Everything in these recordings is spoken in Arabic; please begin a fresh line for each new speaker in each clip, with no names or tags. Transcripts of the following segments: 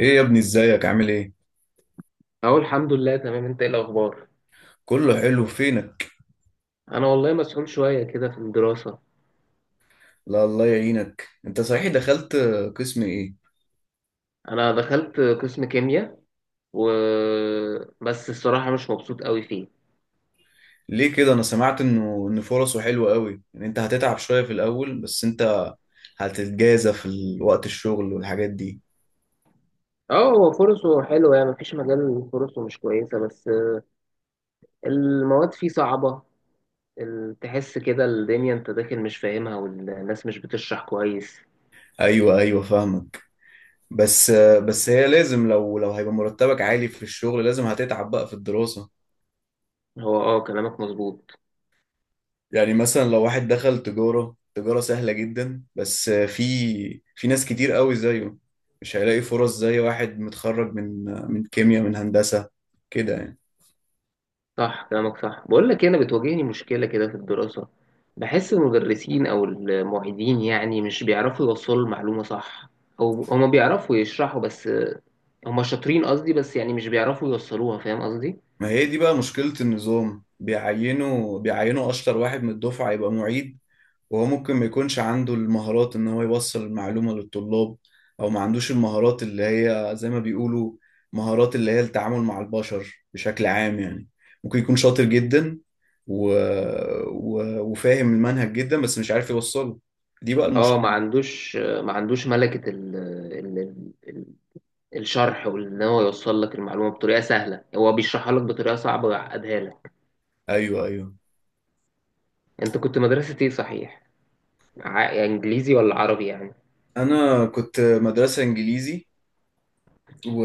ايه يا ابني، ازيك؟ عامل ايه؟
اهو الحمد لله تمام. انت ايه الاخبار؟
كله حلو. فينك؟
انا والله مسحول شويه كده في الدراسه.
لا، الله يعينك. انت صحيح دخلت قسم ايه؟
انا دخلت قسم كيمياء و بس الصراحه مش مبسوط قوي فيه.
ليه كده؟ انا سمعت انه فرصه حلوه قوي، ان انت هتتعب شويه في الاول بس انت هتتجازى في وقت الشغل والحاجات دي.
اه هو فرصه حلوه، يعني مفيش مجال فرصه مش كويسه، بس المواد فيه صعبه. تحس كده الدنيا انت داخل مش فاهمها، والناس مش بتشرح كويس.
ايوه ايوه، فاهمك. بس بس هي لازم، لو هيبقى مرتبك عالي في الشغل لازم هتتعب بقى في الدراسة.
هو كلامك مظبوط.
يعني مثلا لو واحد دخل تجارة، تجارة سهلة جدا، بس في ناس كتير قوي زيه، مش هيلاقي فرص زي واحد متخرج من كيمياء، من هندسة كده يعني.
صح كلامك صح. بقول لك إيه، انا بتواجهني مشكله كده في الدراسه. بحس المدرسين او المعيدين يعني مش بيعرفوا يوصلوا المعلومه صح، او هما بيعرفوا يشرحوا، بس هما شاطرين قصدي، بس يعني مش بيعرفوا يوصلوها، فاهم قصدي؟
ما هي دي بقى مشكلة النظام، بيعينوا أشطر واحد من الدفعة يبقى معيد، وهو ممكن ما يكونش عنده المهارات ان هو يوصل المعلومة للطلاب، او ما عندوش المهارات اللي هي زي ما بيقولوا مهارات، اللي هي التعامل مع البشر بشكل عام يعني. ممكن يكون شاطر جدا و... وفاهم المنهج جدا بس مش عارف يوصله. دي بقى
اه ما
المشكلة.
عندوش ما عندوش ملكه ال... ال... الشرح، وان هو يوصل لك المعلومه بطريقه سهله. هو بيشرحها لك بطريقه صعبه ويعقدها لك.
ايوه ايوه.
انت كنت مدرسه ايه صحيح؟ انجليزي ولا عربي يعني؟
انا كنت مدرسة انجليزي و...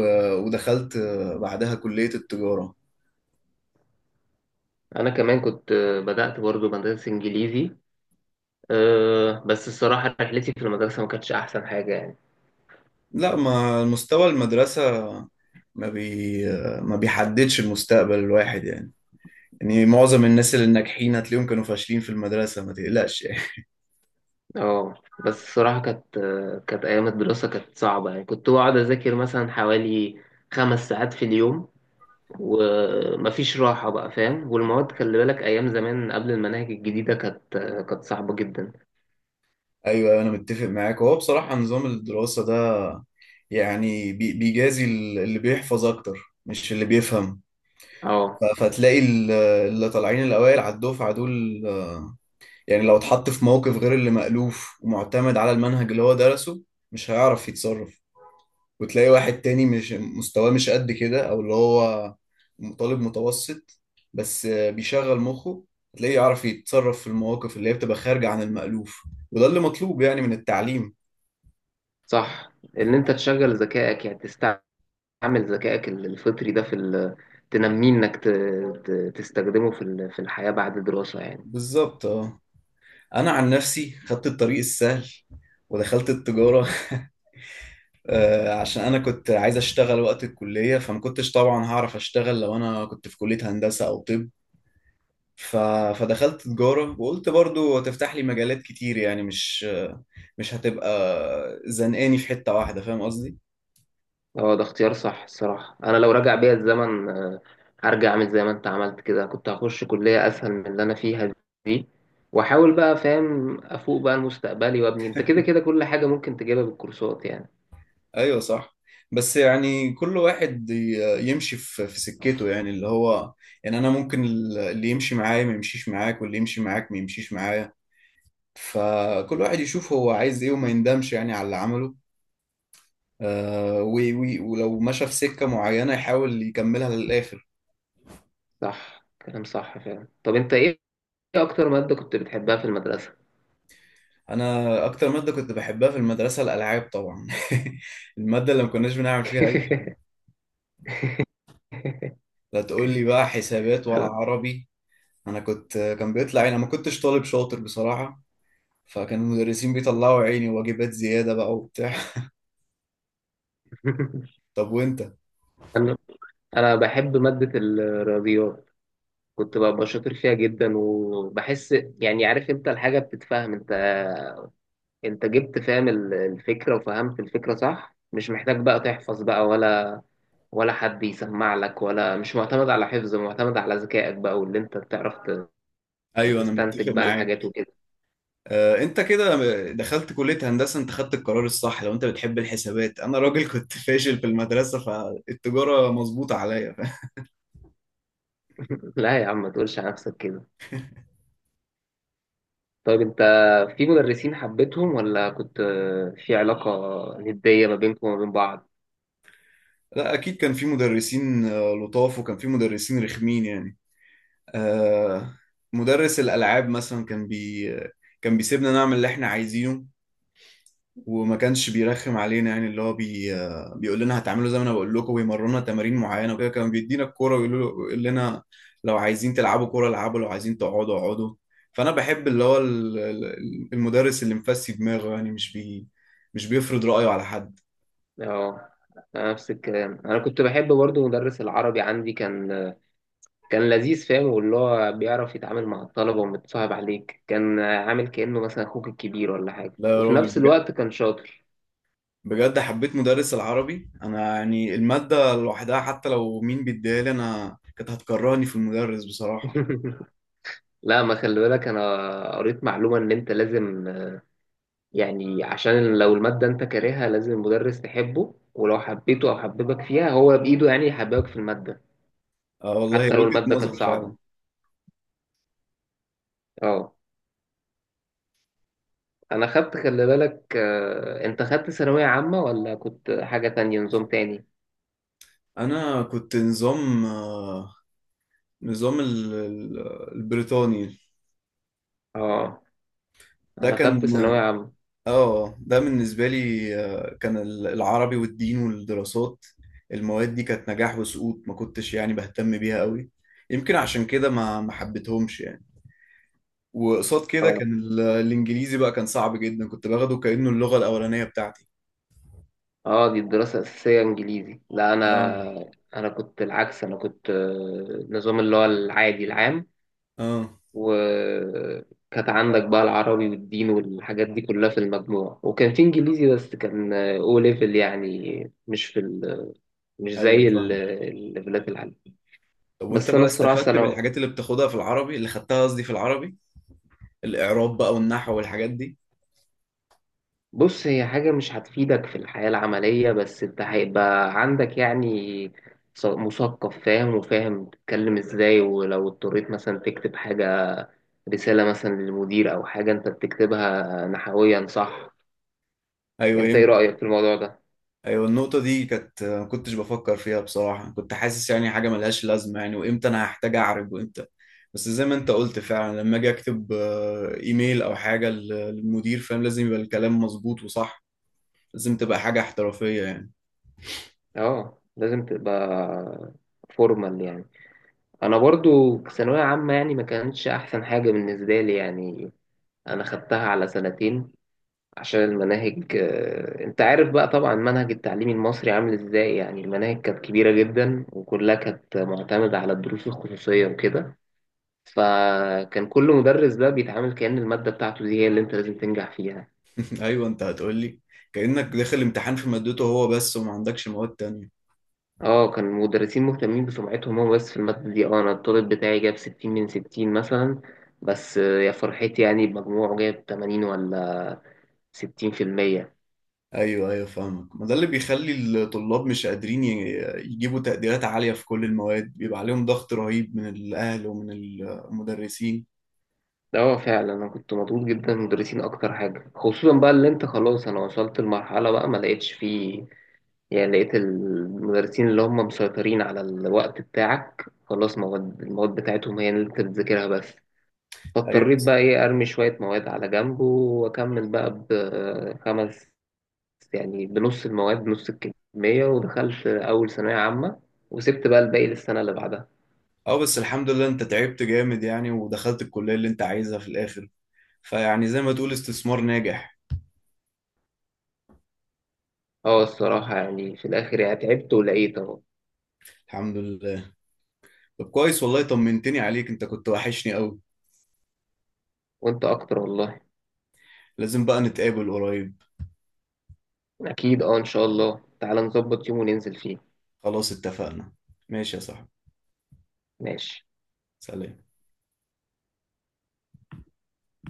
ودخلت بعدها كلية التجارة.
انا كمان كنت بدأت برضو مدرسة انجليزي. أه بس الصراحة رحلتي في المدرسة ما كانتش أحسن حاجة يعني.
لا، ما مستوى المدرسة ما بي ما بيحددش المستقبل الواحد يعني. يعني معظم الناس الناجحين هتلاقيهم كانوا فاشلين في المدرسة. ما تقلقش يعني.
اه بس الصراحة كانت أيام الدراسة كانت صعبة يعني. كنت بقعد أذاكر مثلا حوالي 5 ساعات في اليوم ومفيش راحة بقى، فاهم؟ والمواد خلي بالك أيام زمان قبل المناهج الجديدة كانت صعبة جدا.
ايوه، انا متفق معاك. هو بصراحة نظام الدراسة ده يعني بيجازي اللي بيحفظ اكتر، مش اللي بيفهم.
اه
فتلاقي اللي طالعين الاوائل على الدفعة دول، يعني لو اتحط في موقف غير اللي مألوف ومعتمد على المنهج اللي هو درسه مش هيعرف يتصرف. وتلاقي واحد تاني مش مستواه، مش قد كده، او اللي هو طالب متوسط، بس بيشغل مخه، هتلاقيه يعرف يتصرف في المواقف اللي هي بتبقى خارجة عن المألوف. وده اللي مطلوب يعني من التعليم.
صح. إن أنت تشغل ذكائك، يعني تستعمل ذكائك الفطري ده في تنميه، إنك تستخدمه في في الحياة بعد الدراسة يعني.
بالظبط، اه. انا عن نفسي خدت الطريق السهل ودخلت التجارة. عشان انا كنت عايز اشتغل وقت الكلية، فما كنتش طبعا هعرف اشتغل لو انا كنت في كلية هندسة او طب. ف... فدخلت تجارة وقلت برضو هتفتح لي مجالات كتير، يعني مش مش هتبقى زنقاني في حتة واحدة، فاهم قصدي.
اه ده اختيار صح الصراحة. أنا لو رجع بيا الزمن هرجع أعمل زي ما أنت عملت كده. كنت هخش كلية أسهل من اللي أنا فيها دي، وأحاول بقى، فاهم، أفوق بقى لمستقبلي وأبني. أنت كده كده كل حاجة ممكن تجيبها بالكورسات يعني.
ايوه صح. بس يعني كل واحد يمشي في سكته، يعني اللي هو، يعني انا ممكن اللي يمشي معايا ما يمشيش معاك، واللي يمشي معاك ما يمشيش معايا. فكل واحد يشوف هو عايز ايه، وما يندمش يعني على اللي عمله، ولو مشى في سكة معينة يحاول يكملها للآخر.
صح كلام صح فعلا. طب أنت إيه، إيه أكتر مادة كنت بتحبها في المدرسة؟
انا اكتر مادة كنت بحبها في المدرسة الالعاب طبعا. المادة اللي ما كناش بنعمل فيها اي. لا، تقول لي بقى حسابات ولا عربي؟ انا كنت، بيطلع يعني، أنا ما كنتش طالب شاطر بصراحة. فكان المدرسين بيطلعوا عيني واجبات زيادة بقى وبتاع. طب وانت؟
أنا أنا بحب مادة الرياضيات. كنت ببقى شاطر فيها جدا، وبحس يعني، عارف أنت، الحاجة بتتفهم. انت جبت فاهم الفكرة، وفهمت الفكرة صح، مش محتاج بقى تحفظ بقى ولا حد يسمع لك، ولا مش معتمد على حفظ، معتمد على ذكائك بقى، واللي انت بتعرف
ايوه، انا متفق
تستنتج بقى الحاجات
معاك.
وكده.
انت كده دخلت كلية هندسة، انت خدت القرار الصح. لو انت بتحب الحسابات، انا راجل كنت فاشل في المدرسة، فالتجارة مظبوطة عليا.
لا يا عم ما تقولش على نفسك كده. طيب انت، في مدرسين حبيتهم ولا كنت في علاقة ندية ما بينكم وما بين بعض؟
لا اكيد، كان في مدرسين لطاف، وكان في مدرسين رخمين يعني. آه، مدرس الالعاب مثلا كان بيسيبنا نعمل اللي احنا عايزينه وما كانش بيرخم علينا، يعني اللي هو بي آه، بيقول لنا هتعملوا زي ما انا بقول لكم ويمرنا تمارين معينه وكده. كان بيدينا الكوره ويقول له- يقول لنا لو عايزين تلعبوا كوره العبوا، لو عايزين تقعدوا اقعدوا. فانا بحب اللي هو المدرس اللي مفسي دماغه، يعني مش بيفرض رأيه على حد.
اه أنا نفس الكلام. انا كنت بحب برضو مدرس العربي عندي. كان لذيذ فاهم، واللي هو بيعرف يتعامل مع الطلبة ومتصاحب عليك. كان عامل كأنه مثلا أخوك الكبير ولا حاجة،
لا يا
وفي
راجل،
نفس
بجد
الوقت كان شاطر.
بجد حبيت مدرس العربي انا. يعني المادة لوحدها، حتى لو مين بيديها لي انا، كانت هتكرهني في المدرس بصراحة.
لا ما خلي بالك، أنا قريت معلومة إن أنت لازم يعني، عشان لو المادة أنت كارهها لازم المدرس تحبه، ولو حبيته أو حببك فيها هو بإيده يعني يحببك في المادة
اه والله،
حتى لو
وجهة
المادة كانت
نظر
صعبة.
فعلا.
اه أنا خدت خلي بالك، أنت خدت ثانوية عامة ولا كنت حاجة تانية نظام تاني؟
انا كنت نظام النظام البريطاني.
اه
ده
أنا
كان،
خدت ثانوية عامة.
اه ده بالنسبة لي كان العربي والدين والدراسات، المواد دي كانت نجاح وسقوط، ما كنتش يعني بهتم بيها قوي. يمكن عشان كده ما حبيتهمش يعني. وقصاد كده
آه.
كان الانجليزي بقى كان صعب جدا، كنت باخده كأنه اللغة الأولانية بتاعتي.
اه دي الدراسة الأساسية إنجليزي. لا
اه.
أنا، أنا كنت العكس. أنا كنت نظام اللي هو العادي العام.
اه
وكانت عندك بقى العربي والدين والحاجات دي كلها في المجموع، وكان في إنجليزي بس كان أو ليفل يعني، مش في مش
ايوه،
زي
فاهم.
الليفلات العالية.
طب وانت
بس أنا
بقى
الصراحة
استفدت
سنة.
بالحاجات اللي بتاخدها في العربي، اللي خدتها قصدي في العربي، الإعراب بقى والنحو والحاجات دي؟
بص هي حاجة مش هتفيدك في الحياة العملية، بس أنت هيبقى عندك يعني مثقف فاهم، وفاهم تتكلم ازاي. ولو اضطريت مثلا تكتب حاجة، رسالة مثلا للمدير أو حاجة، أنت بتكتبها نحويا صح. أنت
ايوه
إيه رأيك في الموضوع ده؟
ايوه. النقطة دي كانت ما كنتش بفكر فيها بصراحة، كنت حاسس يعني حاجة ملهاش لازمة يعني، وامتى انا هحتاج اعرج وامتى. بس زي ما انت قلت فعلا، لما اجي اكتب ايميل او حاجة للمدير فاهم، لازم يبقى الكلام مظبوط وصح، لازم تبقى حاجة احترافية يعني.
أه لازم تبقى فورمال يعني. أنا برضو في ثانوية عامة يعني ما كانتش أحسن حاجة بالنسبة لي يعني. أنا خدتها على سنتين عشان المناهج أنت عارف بقى طبعا منهج التعليم المصري عامل إزاي. يعني المناهج كانت كبيرة جدا وكلها كانت معتمدة على الدروس الخصوصية وكده. فكان كل مدرس بقى بيتعامل كأن المادة بتاعته دي هي اللي أنت لازم تنجح فيها.
ايوه، انت هتقولي كأنك داخل امتحان في مادته هو بس وما عندكش مواد تانية.
اه كان المدرسين مهتمين بسمعتهم هو بس في المادة دي. اه انا الطالب بتاعي جاب 60 من 60 مثلا، بس يا فرحتي يعني بمجموعه جاب 80 ولا 60%.
ايوه ايوه، فاهمك. ما ده اللي بيخلي الطلاب مش قادرين يجيبوا تقديرات عالية في كل المواد، بيبقى عليهم ضغط رهيب من الاهل ومن المدرسين.
اه فعلا انا كنت مضغوط جدا من المدرسين اكتر حاجة، خصوصا بقى اللي انت خلاص. انا وصلت لمرحلة بقى ما لقيتش فيه يعني. لقيت المدرسين اللي هم مسيطرين على الوقت بتاعك، خلاص المواد بتاعتهم هي اللي انت بتذاكرها بس.
ايوه.
فاضطريت بقى ايه، ارمي شوية مواد على جنب واكمل بقى بخمس، يعني بنص المواد بنص الكمية، ودخلت أول ثانوية عامة، وسبت بقى الباقي للسنة اللي بعدها.
اه بس الحمد لله، انت تعبت جامد يعني ودخلت الكلية اللي انت عايزها في الاخر. فيعني زي ما تقول استثمار ناجح.
اه الصراحة يعني في الآخر يعني تعبت ولقيت أهو.
الحمد لله. طب كويس والله، طمنتني عليك، انت كنت وحشني قوي.
وأنت أكتر والله.
لازم بقى نتقابل قريب.
أكيد. اه إن شاء الله تعالى نظبط يوم وننزل فيه.
خلاص اتفقنا. ماشي يا صاحبي.
ماشي.
سلام.